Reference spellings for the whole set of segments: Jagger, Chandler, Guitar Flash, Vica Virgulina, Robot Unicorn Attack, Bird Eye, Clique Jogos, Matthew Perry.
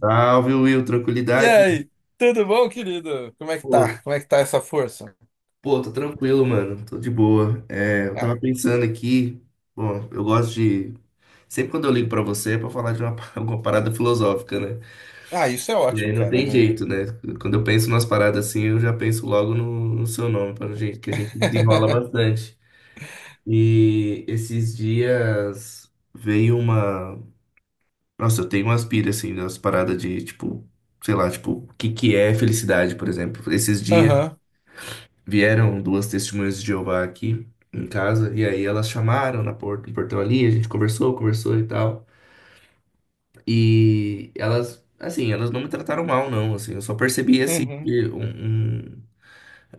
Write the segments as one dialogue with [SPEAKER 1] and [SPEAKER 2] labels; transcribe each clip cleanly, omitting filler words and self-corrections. [SPEAKER 1] Salve, Will,
[SPEAKER 2] E
[SPEAKER 1] tranquilidade?
[SPEAKER 2] aí, tudo bom, querido? Como é que
[SPEAKER 1] Pô,
[SPEAKER 2] tá? Como é que tá essa força?
[SPEAKER 1] pô, tô tranquilo, mano, tô de boa. Eu tava
[SPEAKER 2] Ah,
[SPEAKER 1] pensando aqui, bom, eu gosto de. Sempre quando eu ligo pra você é pra falar alguma parada filosófica, né?
[SPEAKER 2] isso é
[SPEAKER 1] E aí
[SPEAKER 2] ótimo,
[SPEAKER 1] não
[SPEAKER 2] cara.
[SPEAKER 1] tem
[SPEAKER 2] Né?
[SPEAKER 1] jeito, né? Quando eu penso nas paradas assim, eu já penso logo no seu nome, pra gente, que a gente desenrola bastante. E esses dias veio uma. Nossa, eu tenho umas pira, assim, das paradas de, tipo, sei lá, tipo, o que que é felicidade, por exemplo. Esses dias
[SPEAKER 2] Aham,
[SPEAKER 1] vieram duas testemunhas de Jeová aqui em casa, e aí elas chamaram na porta, no portão ali, a gente conversou, conversou e tal. E elas, assim, elas não me trataram mal, não, assim, eu só percebi, assim,
[SPEAKER 2] uhum,
[SPEAKER 1] que um, um,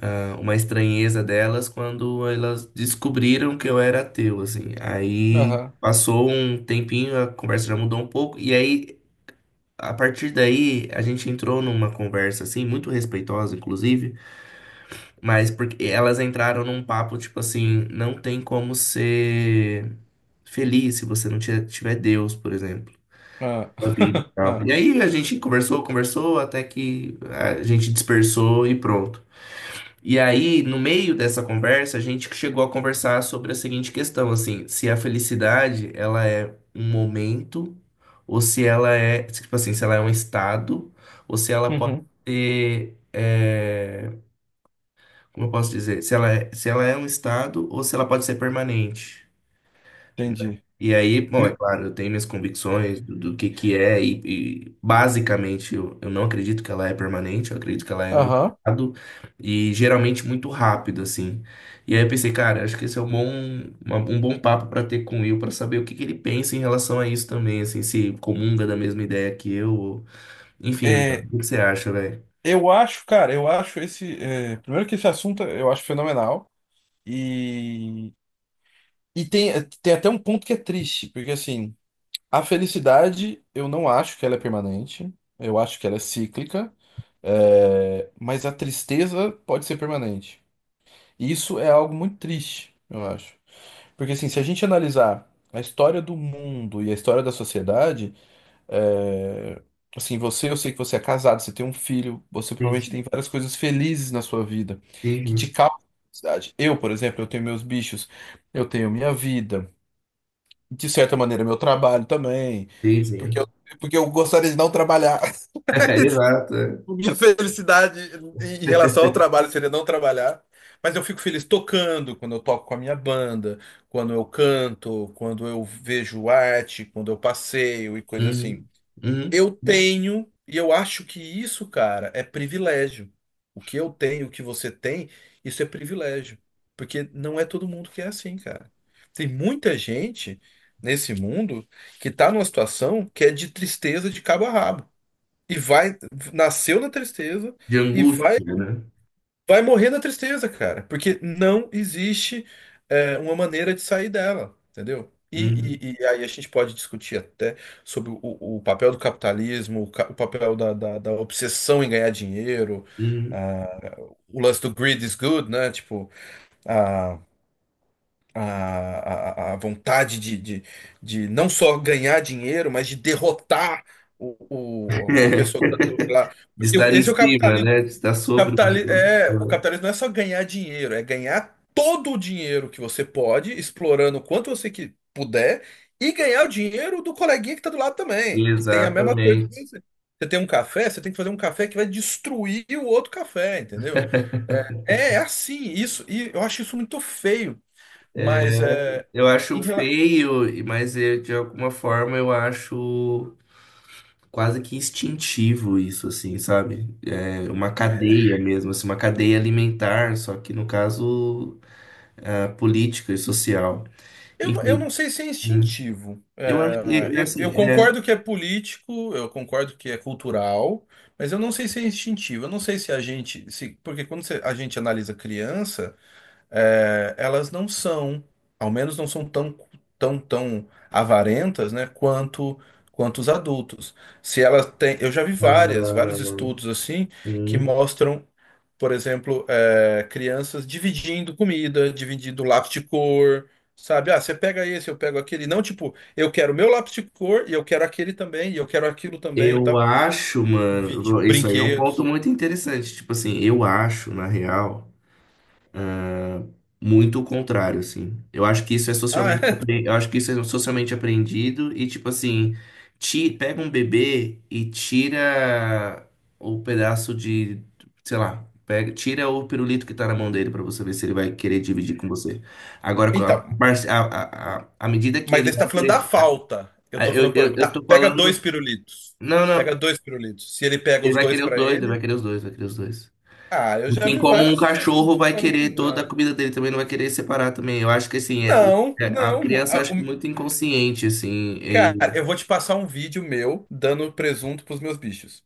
[SPEAKER 1] ah, uma estranheza delas quando elas descobriram que eu era ateu, assim. Aí
[SPEAKER 2] aham,
[SPEAKER 1] passou um tempinho, a conversa já mudou um pouco, e aí, a partir daí, a gente entrou numa conversa, assim, muito respeitosa, inclusive. Mas porque elas entraram num papo tipo assim: não tem como ser feliz se você não tiver Deus, por exemplo,
[SPEAKER 2] ah,
[SPEAKER 1] na vida e tal.
[SPEAKER 2] ah,
[SPEAKER 1] E aí a gente conversou, conversou, até que a gente dispersou e pronto. E aí, no meio dessa conversa, a gente chegou a conversar sobre a seguinte questão, assim, se a felicidade, ela é um momento, ou se ela é, tipo assim, se ela é um estado, ou se ela pode
[SPEAKER 2] uhum,
[SPEAKER 1] ter, como eu posso dizer, se ela é, se ela é um estado ou se ela pode ser permanente.
[SPEAKER 2] entendi.
[SPEAKER 1] E aí, bom, é
[SPEAKER 2] E-
[SPEAKER 1] claro, eu tenho minhas convicções do que é e, basicamente eu não acredito que ela é permanente, eu acredito que ela é um
[SPEAKER 2] Aham.
[SPEAKER 1] estado e geralmente muito rápido, assim. E aí eu pensei, cara, acho que esse é um bom, um bom papo para ter com o Will, para saber o que que ele pensa em relação a isso também, assim, se comunga da mesma ideia que eu, ou enfim, mano,
[SPEAKER 2] É,
[SPEAKER 1] o que que você acha, velho?
[SPEAKER 2] eu acho, cara, eu acho esse. É, primeiro que esse assunto eu acho fenomenal. E, e tem, tem até um ponto que é triste, porque assim, a felicidade eu não acho que ela é permanente, eu acho que ela é cíclica. É, mas a tristeza pode ser permanente. E isso é algo muito triste, eu acho. Porque assim, se a gente analisar a história do mundo e a história da sociedade, é, assim, você, eu sei que você é casado, você tem um filho, você provavelmente
[SPEAKER 1] Sim,
[SPEAKER 2] tem várias coisas felizes na sua vida que te
[SPEAKER 1] sim,
[SPEAKER 2] causam felicidade. Eu, por exemplo, eu tenho meus bichos, eu tenho minha vida, de certa maneira, meu trabalho também,
[SPEAKER 1] sim.
[SPEAKER 2] porque eu,
[SPEAKER 1] sim.
[SPEAKER 2] porque eu gostaria de não trabalhar.
[SPEAKER 1] Exato. É.
[SPEAKER 2] Minha felicidade em relação ao trabalho seria não trabalhar, mas eu fico feliz tocando, quando eu toco com a minha banda, quando eu canto, quando eu vejo arte, quando eu passeio e coisa
[SPEAKER 1] Uhum.
[SPEAKER 2] assim.
[SPEAKER 1] Uhum.
[SPEAKER 2] Eu tenho, e eu acho que isso, cara, é privilégio. O que eu tenho, o que você tem, isso é privilégio. Porque não é todo mundo que é assim, cara. Tem muita gente nesse mundo que tá numa situação que é de tristeza de cabo a rabo. E vai, nasceu na tristeza
[SPEAKER 1] De
[SPEAKER 2] e vai,
[SPEAKER 1] angústia, né?
[SPEAKER 2] vai morrer na tristeza, cara. Porque não existe é, uma maneira de sair dela, entendeu? E,
[SPEAKER 1] Uhum.
[SPEAKER 2] e aí a gente pode discutir até sobre o papel do capitalismo, o papel da obsessão em ganhar dinheiro,
[SPEAKER 1] Uhum.
[SPEAKER 2] ah, o lance do greed is good, né? Tipo, a, a, a vontade de não só ganhar dinheiro, mas de derrotar a pessoa que tá lá.
[SPEAKER 1] De
[SPEAKER 2] Porque
[SPEAKER 1] estar em
[SPEAKER 2] esse é o
[SPEAKER 1] cima,
[SPEAKER 2] capitalismo.
[SPEAKER 1] né? De estar sobre os
[SPEAKER 2] O
[SPEAKER 1] outros.
[SPEAKER 2] capitalismo não é só ganhar dinheiro, é ganhar todo o dinheiro que você pode, explorando o quanto você que puder, e ganhar o dinheiro do coleguinha que está do lado também, que tem a mesma coisa que
[SPEAKER 1] Exatamente.
[SPEAKER 2] você. Você tem um café, você tem que fazer um café que vai destruir o outro café, entendeu? É, é assim, isso, e eu acho isso muito feio, mas
[SPEAKER 1] É,
[SPEAKER 2] é,
[SPEAKER 1] eu acho
[SPEAKER 2] em rela-
[SPEAKER 1] feio, e- mas eu, de alguma forma eu acho quase que instintivo isso, assim, sabe? É uma cadeia mesmo, assim, uma cadeia alimentar, só que no caso ah, política e social.
[SPEAKER 2] eu, eu
[SPEAKER 1] Enfim,
[SPEAKER 2] não sei se é
[SPEAKER 1] né?
[SPEAKER 2] instintivo.
[SPEAKER 1] Eu acho
[SPEAKER 2] É,
[SPEAKER 1] que, é,
[SPEAKER 2] eu
[SPEAKER 1] assim, é,
[SPEAKER 2] concordo que é político, eu concordo que é cultural, mas eu não sei se é instintivo. Eu não sei se a gente, se, porque a gente analisa criança, é, elas não são, ao menos não são tão, tão avarentas, né, quanto, quanto os adultos. Se elas têm, eu já vi várias, vários
[SPEAKER 1] ah,
[SPEAKER 2] estudos assim que
[SPEAKER 1] hum.
[SPEAKER 2] mostram por exemplo, é, crianças dividindo comida, dividindo lápis de cor, sabe? Ah, você pega esse, eu pego aquele. Não, tipo, eu quero meu lápis de cor e eu quero aquele também, e eu quero aquilo também e
[SPEAKER 1] Eu
[SPEAKER 2] tal.
[SPEAKER 1] acho,
[SPEAKER 2] Divide
[SPEAKER 1] mano, isso aí é um ponto
[SPEAKER 2] brinquedos.
[SPEAKER 1] muito interessante. Tipo assim, eu acho, na real, muito o contrário, assim. Eu acho que isso é
[SPEAKER 2] Ah,
[SPEAKER 1] socialmente,
[SPEAKER 2] é.
[SPEAKER 1] eu acho que isso é socialmente apreendido e, tipo assim, pega um bebê e tira o pedaço de, sei lá, pega, tira o pirulito que tá na mão dele pra você ver se ele vai querer dividir com você. Agora, com
[SPEAKER 2] Então,
[SPEAKER 1] à medida que
[SPEAKER 2] mas
[SPEAKER 1] ele
[SPEAKER 2] aí você
[SPEAKER 1] vai
[SPEAKER 2] tá falando da
[SPEAKER 1] querer.
[SPEAKER 2] falta. Eu tô
[SPEAKER 1] Eu,
[SPEAKER 2] falando, por
[SPEAKER 1] eu,
[SPEAKER 2] exemplo,
[SPEAKER 1] eu tô
[SPEAKER 2] pega
[SPEAKER 1] falando.
[SPEAKER 2] dois pirulitos.
[SPEAKER 1] Não,
[SPEAKER 2] Pega
[SPEAKER 1] não.
[SPEAKER 2] dois pirulitos. Se ele pega
[SPEAKER 1] Ele
[SPEAKER 2] os
[SPEAKER 1] vai
[SPEAKER 2] dois
[SPEAKER 1] querer os
[SPEAKER 2] pra
[SPEAKER 1] dois, ele vai
[SPEAKER 2] ele.
[SPEAKER 1] querer os dois, vai querer os dois.
[SPEAKER 2] Ah, eu já
[SPEAKER 1] Assim
[SPEAKER 2] vi
[SPEAKER 1] como um
[SPEAKER 2] vários
[SPEAKER 1] cachorro
[SPEAKER 2] estudos que
[SPEAKER 1] vai
[SPEAKER 2] falam que
[SPEAKER 1] querer toda a
[SPEAKER 2] não.
[SPEAKER 1] comida dele também, não vai querer separar também. Eu acho que assim, é, o-
[SPEAKER 2] Não,
[SPEAKER 1] é, a
[SPEAKER 2] não.
[SPEAKER 1] criança
[SPEAKER 2] Ah,
[SPEAKER 1] acho que muito inconsciente, assim.
[SPEAKER 2] cara, eu
[SPEAKER 1] E-
[SPEAKER 2] vou te passar um vídeo meu dando presunto pros meus bichos.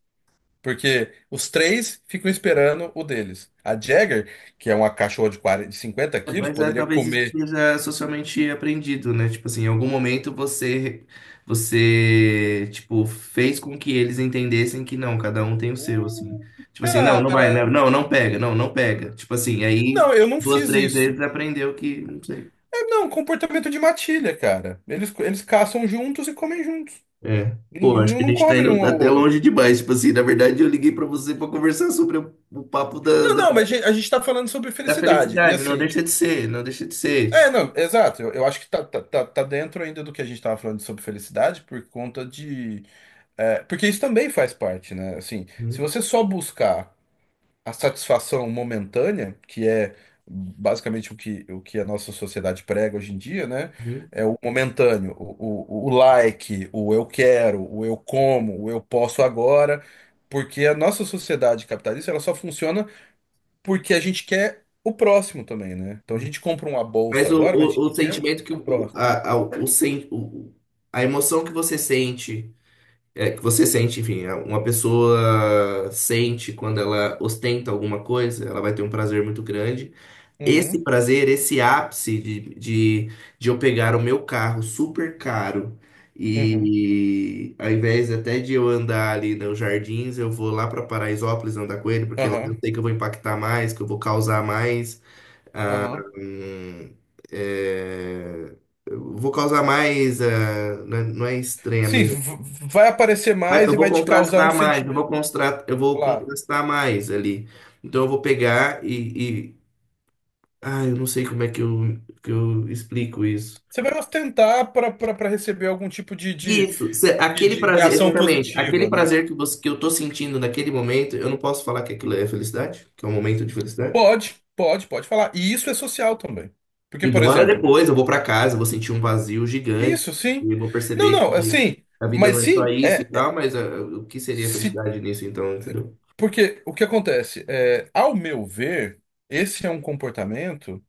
[SPEAKER 2] Porque os três ficam esperando o deles. A Jagger, que é uma cachorra de 40, de 50
[SPEAKER 1] é,
[SPEAKER 2] quilos,
[SPEAKER 1] mas é,
[SPEAKER 2] poderia
[SPEAKER 1] talvez isso
[SPEAKER 2] comer.
[SPEAKER 1] seja socialmente aprendido, né? Tipo assim, em algum momento você, você, tipo, fez com que eles entendessem que não, cada um tem o seu, assim.
[SPEAKER 2] Hum,
[SPEAKER 1] Tipo assim, não, não vai,
[SPEAKER 2] Cara,
[SPEAKER 1] né? Não, não pega, não, não pega. Tipo assim, aí
[SPEAKER 2] não, eu não
[SPEAKER 1] duas,
[SPEAKER 2] fiz
[SPEAKER 1] três
[SPEAKER 2] isso.
[SPEAKER 1] vezes aprendeu que, não sei.
[SPEAKER 2] É, não, comportamento de matilha, cara. Eles caçam juntos e comem juntos.
[SPEAKER 1] É. Pô, acho
[SPEAKER 2] Não,
[SPEAKER 1] que a
[SPEAKER 2] não
[SPEAKER 1] gente tá
[SPEAKER 2] comem um
[SPEAKER 1] indo
[SPEAKER 2] ao
[SPEAKER 1] até longe
[SPEAKER 2] outro.
[SPEAKER 1] demais. Tipo assim, na verdade, eu liguei pra você pra conversar sobre o papo
[SPEAKER 2] Não, não, mas a gente tá falando sobre
[SPEAKER 1] da
[SPEAKER 2] felicidade. E
[SPEAKER 1] felicidade. Não
[SPEAKER 2] assim.
[SPEAKER 1] deixa de ser, não deixa de ser.
[SPEAKER 2] É,
[SPEAKER 1] Tipo,
[SPEAKER 2] não, exato. Eu acho que tá, tá dentro ainda do que a gente tava falando sobre felicidade por conta de. É, porque isso também faz parte, né? Assim, se
[SPEAKER 1] Uhum,
[SPEAKER 2] você só buscar a satisfação momentânea, que é basicamente o que a nossa sociedade prega hoje em dia, né?
[SPEAKER 1] uhum,
[SPEAKER 2] É o momentâneo, o like, o eu quero, o eu como, o eu posso agora, porque a nossa sociedade capitalista ela só funciona porque a gente quer o próximo também, né? Então a
[SPEAKER 1] uhum.
[SPEAKER 2] gente compra uma bolsa
[SPEAKER 1] Mas o,
[SPEAKER 2] agora, mas a gente
[SPEAKER 1] o, o
[SPEAKER 2] quer
[SPEAKER 1] sentimento que
[SPEAKER 2] a
[SPEAKER 1] o,
[SPEAKER 2] próxima.
[SPEAKER 1] a, o, sen- o- a emoção que você sente, é, que você sente, enfim, é, uma pessoa sente quando ela ostenta alguma coisa, ela vai ter um prazer muito grande. Esse
[SPEAKER 2] Uhum,
[SPEAKER 1] prazer, esse ápice de eu pegar o meu carro super caro
[SPEAKER 2] uhum,
[SPEAKER 1] e ao invés até de eu andar ali nos jardins, eu vou lá para Paraisópolis andar com ele, porque lá
[SPEAKER 2] aham,
[SPEAKER 1] eu sei que eu vou impactar mais, que eu vou causar mais.
[SPEAKER 2] aham.
[SPEAKER 1] hum, é, eu vou causar mais. Não é, não é
[SPEAKER 2] Sim,
[SPEAKER 1] estranhamento.
[SPEAKER 2] vai aparecer
[SPEAKER 1] Mas
[SPEAKER 2] mais
[SPEAKER 1] eu
[SPEAKER 2] e
[SPEAKER 1] vou
[SPEAKER 2] vai te causar um
[SPEAKER 1] contrastar mais,
[SPEAKER 2] sentimento,
[SPEAKER 1] eu vou
[SPEAKER 2] claro.
[SPEAKER 1] contrastar mais ali. Então eu vou pegar e, ah, eu não sei como é que que eu explico isso.
[SPEAKER 2] Você vai ostentar para receber algum tipo de, de,
[SPEAKER 1] Isso,
[SPEAKER 2] de,
[SPEAKER 1] aquele
[SPEAKER 2] de
[SPEAKER 1] prazer,
[SPEAKER 2] reação
[SPEAKER 1] exatamente, aquele
[SPEAKER 2] positiva, né?
[SPEAKER 1] prazer que você, que eu tô sentindo naquele momento, eu não posso falar que aquilo é felicidade, que é um momento de felicidade.
[SPEAKER 2] Pode, pode, pode falar. E isso é social também. Porque, por
[SPEAKER 1] Embora
[SPEAKER 2] exemplo,
[SPEAKER 1] depois eu vou pra casa, eu vou sentir um vazio gigante,
[SPEAKER 2] isso sim.
[SPEAKER 1] e eu vou
[SPEAKER 2] Não,
[SPEAKER 1] perceber
[SPEAKER 2] não,
[SPEAKER 1] que
[SPEAKER 2] assim,
[SPEAKER 1] a vida
[SPEAKER 2] mas
[SPEAKER 1] não é só
[SPEAKER 2] sim,
[SPEAKER 1] isso e
[SPEAKER 2] é.
[SPEAKER 1] tal, mas o que seria
[SPEAKER 2] Se,
[SPEAKER 1] felicidade nisso então, entendeu?
[SPEAKER 2] porque o que acontece? É, ao meu ver, esse é um comportamento.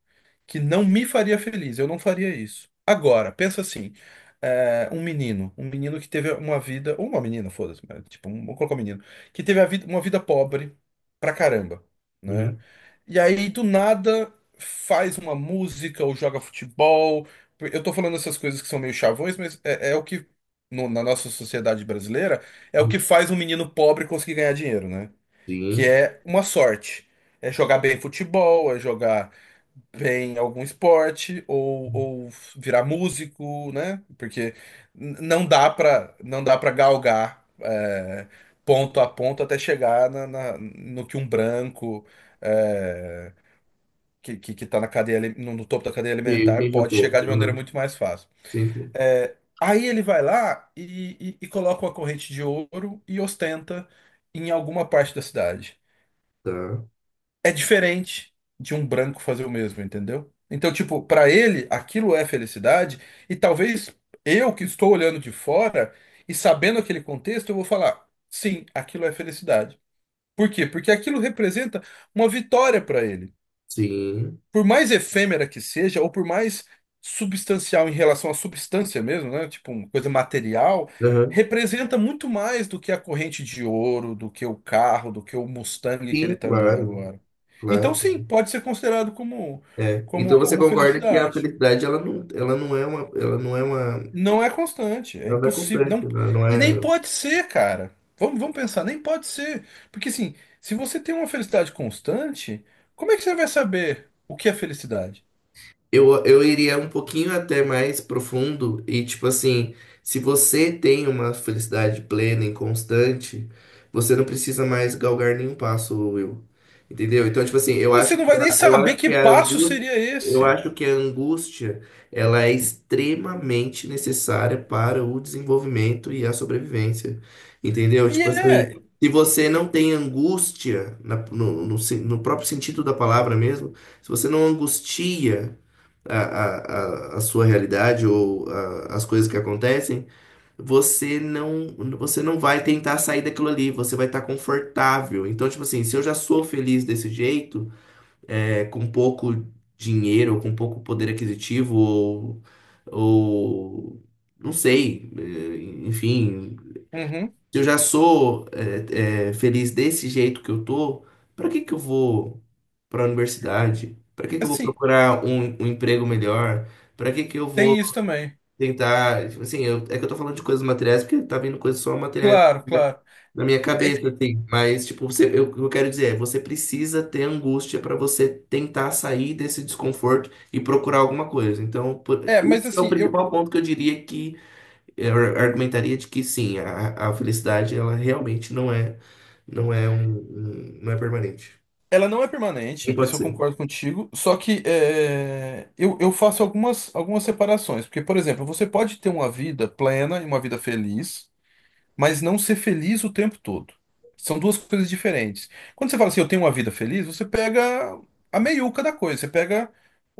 [SPEAKER 2] Que não me faria feliz. Eu não faria isso. Agora, pensa assim, é, um menino que teve uma vida, ou uma menina, foda-se, mas, tipo, um, vou colocar um menino, que uma vida pobre pra caramba, né?
[SPEAKER 1] Uhum.
[SPEAKER 2] E aí, do nada, faz uma música ou joga futebol. Eu tô falando essas coisas que são meio chavões, mas é, é o que, na nossa sociedade brasileira, é o que faz um menino pobre conseguir ganhar dinheiro, né? Que
[SPEAKER 1] Sim.
[SPEAKER 2] é uma sorte. É jogar bem futebol, é jogar bem algum esporte ou virar músico, né? Porque não dá para galgar é, ponto a ponto até chegar no que um branco é, que tá no, no topo da cadeia
[SPEAKER 1] Sim,
[SPEAKER 2] alimentar
[SPEAKER 1] entendi um
[SPEAKER 2] pode
[SPEAKER 1] pouco.
[SPEAKER 2] chegar de maneira
[SPEAKER 1] Aham.
[SPEAKER 2] muito mais fácil.
[SPEAKER 1] Sim,
[SPEAKER 2] É, aí ele vai lá e coloca uma corrente de ouro e ostenta em alguma parte da cidade
[SPEAKER 1] tá.
[SPEAKER 2] é diferente de um branco fazer o mesmo, entendeu? Então, tipo, pra ele, aquilo é felicidade, e talvez eu que estou olhando de fora e sabendo aquele contexto, eu vou falar, sim, aquilo é felicidade. Por quê? Porque aquilo representa uma vitória pra ele
[SPEAKER 1] Sim.
[SPEAKER 2] por mais efêmera que seja, ou por mais substancial em relação à substância mesmo, né? Tipo uma coisa material,
[SPEAKER 1] Aham.
[SPEAKER 2] representa muito mais do que a corrente de ouro, do que o carro, do que o Mustang que ele
[SPEAKER 1] Sim,
[SPEAKER 2] está andando
[SPEAKER 1] claro,
[SPEAKER 2] agora. Então, sim,
[SPEAKER 1] claro.
[SPEAKER 2] pode ser considerado como,
[SPEAKER 1] É. Então você
[SPEAKER 2] como
[SPEAKER 1] concorda que a
[SPEAKER 2] felicidade.
[SPEAKER 1] felicidade ela não é uma, ela não é uma,
[SPEAKER 2] Não é constante, é
[SPEAKER 1] ela não é
[SPEAKER 2] impossível,
[SPEAKER 1] constante,
[SPEAKER 2] não,
[SPEAKER 1] né? Ela não
[SPEAKER 2] e
[SPEAKER 1] é
[SPEAKER 2] nem pode ser, cara. Vamos, vamos pensar, nem pode ser, porque assim, se você tem uma felicidade constante, como é que você vai saber o que é felicidade?
[SPEAKER 1] Eu, iria um pouquinho até mais profundo e, tipo assim, se você tem uma felicidade plena e constante, você não precisa mais galgar nenhum passo, Will. Entendeu? Então, tipo assim, eu acho
[SPEAKER 2] Você
[SPEAKER 1] que
[SPEAKER 2] não vai nem
[SPEAKER 1] a, eu
[SPEAKER 2] saber
[SPEAKER 1] acho
[SPEAKER 2] que
[SPEAKER 1] que a
[SPEAKER 2] passo
[SPEAKER 1] angústia,
[SPEAKER 2] seria
[SPEAKER 1] eu
[SPEAKER 2] esse.
[SPEAKER 1] acho que a angústia, ela é extremamente necessária para o desenvolvimento e a sobrevivência. Entendeu?
[SPEAKER 2] E
[SPEAKER 1] Tipo
[SPEAKER 2] é.
[SPEAKER 1] assim, se você não tem angústia, no próprio sentido da palavra mesmo, se você não angustia, a, a, a sua realidade ou as coisas que acontecem, você não, você não vai tentar sair daquilo ali, você vai estar confortável. Então, tipo assim, se eu já sou feliz desse jeito, é, com pouco dinheiro, ou com pouco poder aquisitivo, ou não sei, é, enfim
[SPEAKER 2] Uhum.
[SPEAKER 1] eu já sou é, é, feliz desse jeito que eu tô, para que que eu vou para a universidade? Para que que eu vou
[SPEAKER 2] Assim,
[SPEAKER 1] procurar um emprego melhor? Para que que eu vou
[SPEAKER 2] tem isso também.
[SPEAKER 1] tentar, tipo assim, eu- é que eu tô falando de coisas materiais porque tá vindo coisas só materiais
[SPEAKER 2] Claro, claro.
[SPEAKER 1] na minha
[SPEAKER 2] É, que-
[SPEAKER 1] cabeça, assim, mas tipo, você, eu, o que eu quero dizer é, você precisa ter angústia para você tentar sair desse desconforto e procurar alguma coisa. Então,
[SPEAKER 2] é, mas
[SPEAKER 1] esse é o
[SPEAKER 2] assim, eu,
[SPEAKER 1] principal ponto que eu diria que eu argumentaria de que sim, a felicidade ela realmente não é, não é não é permanente.
[SPEAKER 2] ela não é
[SPEAKER 1] Não
[SPEAKER 2] permanente,
[SPEAKER 1] pode
[SPEAKER 2] isso eu
[SPEAKER 1] ser.
[SPEAKER 2] concordo contigo. Só que é, eu faço algumas, algumas separações. Porque, por exemplo, você pode ter uma vida plena e uma vida feliz. Mas não ser feliz o tempo todo. São duas coisas diferentes. Quando você fala assim, eu tenho uma vida feliz, você pega a meiuca da coisa, você pega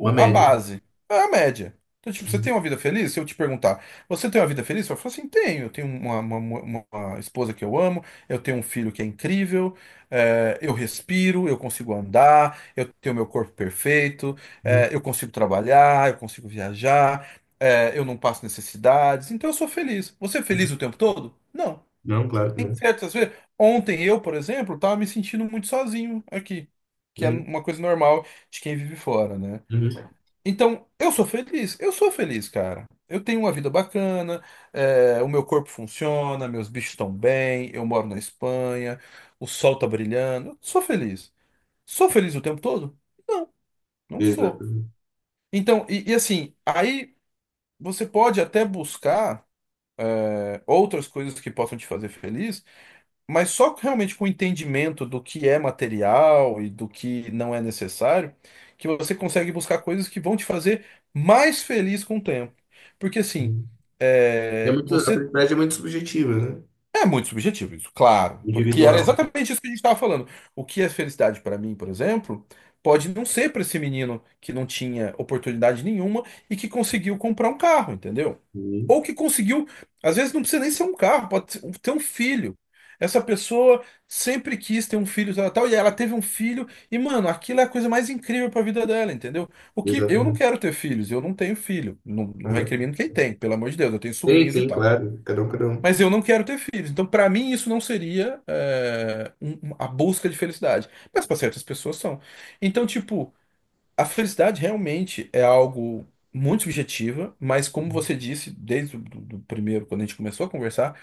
[SPEAKER 1] Uma
[SPEAKER 2] a
[SPEAKER 1] média.
[SPEAKER 2] base, é a média. Então, tipo, você
[SPEAKER 1] Uhum,
[SPEAKER 2] tem uma vida feliz? Se eu te perguntar, você tem uma vida feliz? Você vai falar assim, tenho. Eu tenho uma, uma esposa que eu amo, eu tenho um filho que é incrível, é, eu respiro, eu consigo andar, eu tenho meu corpo perfeito,
[SPEAKER 1] uhum,
[SPEAKER 2] é, eu consigo trabalhar, eu consigo viajar, é, eu não passo necessidades, então eu sou feliz. Você é
[SPEAKER 1] uhum.
[SPEAKER 2] feliz o tempo todo? Não.
[SPEAKER 1] Não, claro que
[SPEAKER 2] Tem
[SPEAKER 1] não.
[SPEAKER 2] certas vezes. Ontem eu, por exemplo, tava me sentindo muito sozinho aqui, que é
[SPEAKER 1] Uhum,
[SPEAKER 2] uma coisa normal de quem vive fora, né?
[SPEAKER 1] uhum.
[SPEAKER 2] Então, eu sou feliz, cara. Eu tenho uma vida bacana, é, o meu corpo funciona, meus bichos estão bem, eu moro na Espanha, o sol tá brilhando, eu sou feliz. Sou feliz o tempo todo? Não, não
[SPEAKER 1] Exato.
[SPEAKER 2] sou.
[SPEAKER 1] Uhum,
[SPEAKER 2] Então, e assim, aí você pode até buscar, é, outras coisas que possam te fazer feliz. Mas só realmente com o entendimento do que é material e do que não é necessário, que você consegue buscar coisas que vão te fazer mais feliz com o tempo. Porque assim,
[SPEAKER 1] uhum. É
[SPEAKER 2] é,
[SPEAKER 1] muito, a
[SPEAKER 2] você
[SPEAKER 1] felicidade é muito subjetiva, né?
[SPEAKER 2] é muito subjetivo isso, claro. Que era
[SPEAKER 1] Individual.
[SPEAKER 2] exatamente isso que a gente estava falando. O que é felicidade para mim, por exemplo, pode não ser para esse menino que não tinha oportunidade nenhuma e que conseguiu comprar um carro, entendeu?
[SPEAKER 1] Uhum.
[SPEAKER 2] Ou que conseguiu, às vezes não precisa nem ser um carro, ter um filho. Essa pessoa sempre quis ter um filho, tal, tal, e ela teve um filho, e mano, aquilo é a coisa mais incrível para a vida dela, entendeu? O que eu não
[SPEAKER 1] Exatamente.
[SPEAKER 2] quero ter filhos, eu não tenho filho, não, não
[SPEAKER 1] Uhum.
[SPEAKER 2] recrimino quem tem, pelo amor de Deus, eu tenho
[SPEAKER 1] Sim,
[SPEAKER 2] sobrinhos e
[SPEAKER 1] sim,
[SPEAKER 2] tal.
[SPEAKER 1] claro. Cada um, cada um.
[SPEAKER 2] Mas eu não quero ter filhos. Então, para mim, isso não seria é, a busca de felicidade. Mas para certas pessoas são. Então, tipo, a felicidade realmente é algo muito subjetiva, mas como você disse desde o do, do primeiro, quando a gente começou a conversar,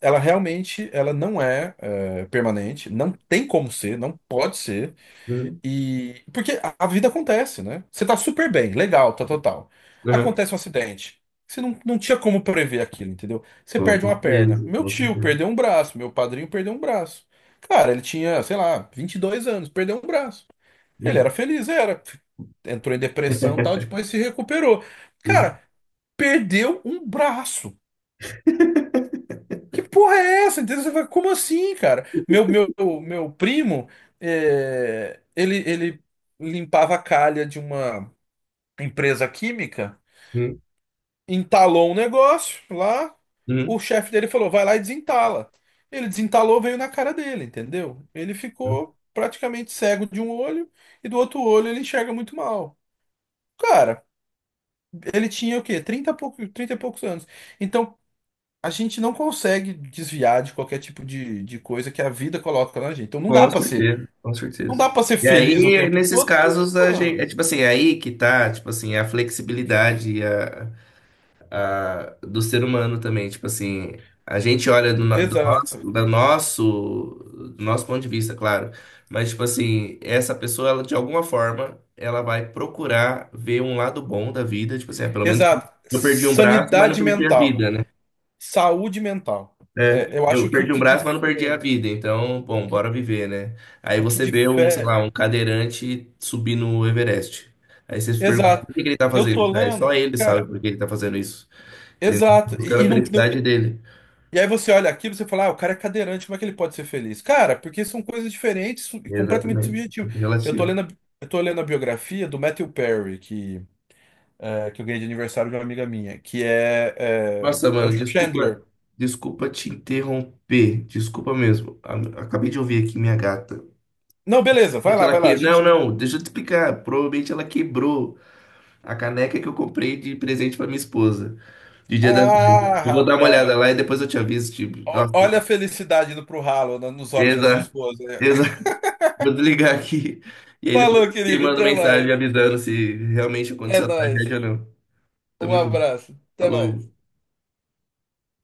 [SPEAKER 2] ela realmente ela não é, é, permanente, não tem como ser, não pode ser.
[SPEAKER 1] Uhum,
[SPEAKER 2] E porque a vida acontece, né? Você tá super bem, legal, tá total.
[SPEAKER 1] uhum.
[SPEAKER 2] Acontece um acidente. Você não, não tinha como prever aquilo, entendeu? Você
[SPEAKER 1] Com
[SPEAKER 2] perde uma perna.
[SPEAKER 1] certeza,
[SPEAKER 2] Meu
[SPEAKER 1] com
[SPEAKER 2] tio
[SPEAKER 1] certeza.
[SPEAKER 2] perdeu um braço, meu padrinho perdeu um braço. Cara, ele tinha, sei lá, 22 anos, perdeu um braço. Ele era
[SPEAKER 1] Uhum.
[SPEAKER 2] feliz, era. Entrou em depressão, e tal, depois se recuperou.
[SPEAKER 1] Sim.
[SPEAKER 2] Cara, perdeu um braço. Que porra é essa? Entendeu? Você fala, como assim, cara? Meu primo, é, ele limpava a calha de uma empresa química, entalou um negócio lá, o
[SPEAKER 1] Uhum,
[SPEAKER 2] chefe dele falou, vai lá e desentala. Ele desentalou, veio na cara dele, entendeu? Ele
[SPEAKER 1] uhum.
[SPEAKER 2] ficou praticamente cego de um olho e do outro olho ele enxerga muito mal. Cara, ele tinha o quê? 30 e pouco, 30 e poucos anos. Então, a gente não consegue desviar de qualquer tipo de coisa que a vida coloca na gente. Então não dá
[SPEAKER 1] Com
[SPEAKER 2] pra ser,
[SPEAKER 1] certeza, com
[SPEAKER 2] não dá
[SPEAKER 1] certeza.
[SPEAKER 2] para ser
[SPEAKER 1] E
[SPEAKER 2] feliz o
[SPEAKER 1] aí,
[SPEAKER 2] tempo
[SPEAKER 1] nesses
[SPEAKER 2] todo, porque,
[SPEAKER 1] casos, a gente,
[SPEAKER 2] mano,
[SPEAKER 1] é tipo assim, é aí que tá, tipo assim, a flexibilidade e do ser humano também, tipo assim, a gente olha do, no- do
[SPEAKER 2] exato.
[SPEAKER 1] nosso, da nosso, do nosso ponto de vista, claro, mas tipo assim, essa pessoa, ela, de alguma forma, ela vai procurar ver um lado bom da vida, tipo assim, ah, pelo menos
[SPEAKER 2] Exato.
[SPEAKER 1] eu perdi um braço, mas não
[SPEAKER 2] Sanidade
[SPEAKER 1] perdi a
[SPEAKER 2] mental,
[SPEAKER 1] vida, né?
[SPEAKER 2] saúde mental.
[SPEAKER 1] É,
[SPEAKER 2] É, eu acho
[SPEAKER 1] eu
[SPEAKER 2] que
[SPEAKER 1] perdi um braço, mas não perdi a vida. Então,
[SPEAKER 2] o
[SPEAKER 1] bom,
[SPEAKER 2] que,
[SPEAKER 1] bora viver, né? Aí
[SPEAKER 2] o que
[SPEAKER 1] você vê um, sei
[SPEAKER 2] difere,
[SPEAKER 1] lá, um cadeirante subir no Everest. Aí você se pergunta,
[SPEAKER 2] exato.
[SPEAKER 1] por que que ele tá
[SPEAKER 2] Eu
[SPEAKER 1] fazendo
[SPEAKER 2] tô
[SPEAKER 1] isso? Aí só
[SPEAKER 2] lendo,
[SPEAKER 1] ele sabe
[SPEAKER 2] cara,
[SPEAKER 1] por que ele tá fazendo isso. Entendeu?
[SPEAKER 2] exato.
[SPEAKER 1] Buscando a
[SPEAKER 2] E não,
[SPEAKER 1] felicidade dele.
[SPEAKER 2] e aí você olha aquilo e você fala, ah, o cara é cadeirante, como é que ele pode ser feliz? Cara, porque são coisas diferentes e completamente
[SPEAKER 1] Exatamente.
[SPEAKER 2] subjetivas.
[SPEAKER 1] Muito
[SPEAKER 2] Eu tô
[SPEAKER 1] relativo.
[SPEAKER 2] lendo a, eu tô lendo a biografia do Matthew Perry, que, é, que eu ganhei de aniversário de uma amiga minha, que é, é,
[SPEAKER 1] Nossa,
[SPEAKER 2] é o
[SPEAKER 1] mano, desculpa,
[SPEAKER 2] Chandler.
[SPEAKER 1] desculpa te interromper. Desculpa mesmo. A- Acabei de ouvir aqui minha gata.
[SPEAKER 2] Não, beleza, vai
[SPEAKER 1] Provavelmente
[SPEAKER 2] lá,
[SPEAKER 1] ela
[SPEAKER 2] vai lá. A
[SPEAKER 1] que... Não,
[SPEAKER 2] gente.
[SPEAKER 1] não, deixa eu te explicar. Provavelmente ela quebrou a caneca que eu comprei de presente pra minha esposa. De Dia das Mães.
[SPEAKER 2] Ah,
[SPEAKER 1] Eu vou dar uma
[SPEAKER 2] rapaz.
[SPEAKER 1] olhada lá e depois eu te aviso, tipo, nossa,
[SPEAKER 2] Olha a felicidade indo pro ralo nos olhos da sua
[SPEAKER 1] exato,
[SPEAKER 2] esposa. Né.
[SPEAKER 1] exato. Vou desligar aqui. E aí depois
[SPEAKER 2] Falou,
[SPEAKER 1] eu te
[SPEAKER 2] querido,
[SPEAKER 1] mando
[SPEAKER 2] até
[SPEAKER 1] mensagem
[SPEAKER 2] mais.
[SPEAKER 1] avisando se realmente
[SPEAKER 2] É
[SPEAKER 1] aconteceu a
[SPEAKER 2] nóis.
[SPEAKER 1] tragédia ou não.
[SPEAKER 2] Um
[SPEAKER 1] Tamo junto.
[SPEAKER 2] abraço, até mais.
[SPEAKER 1] Falou.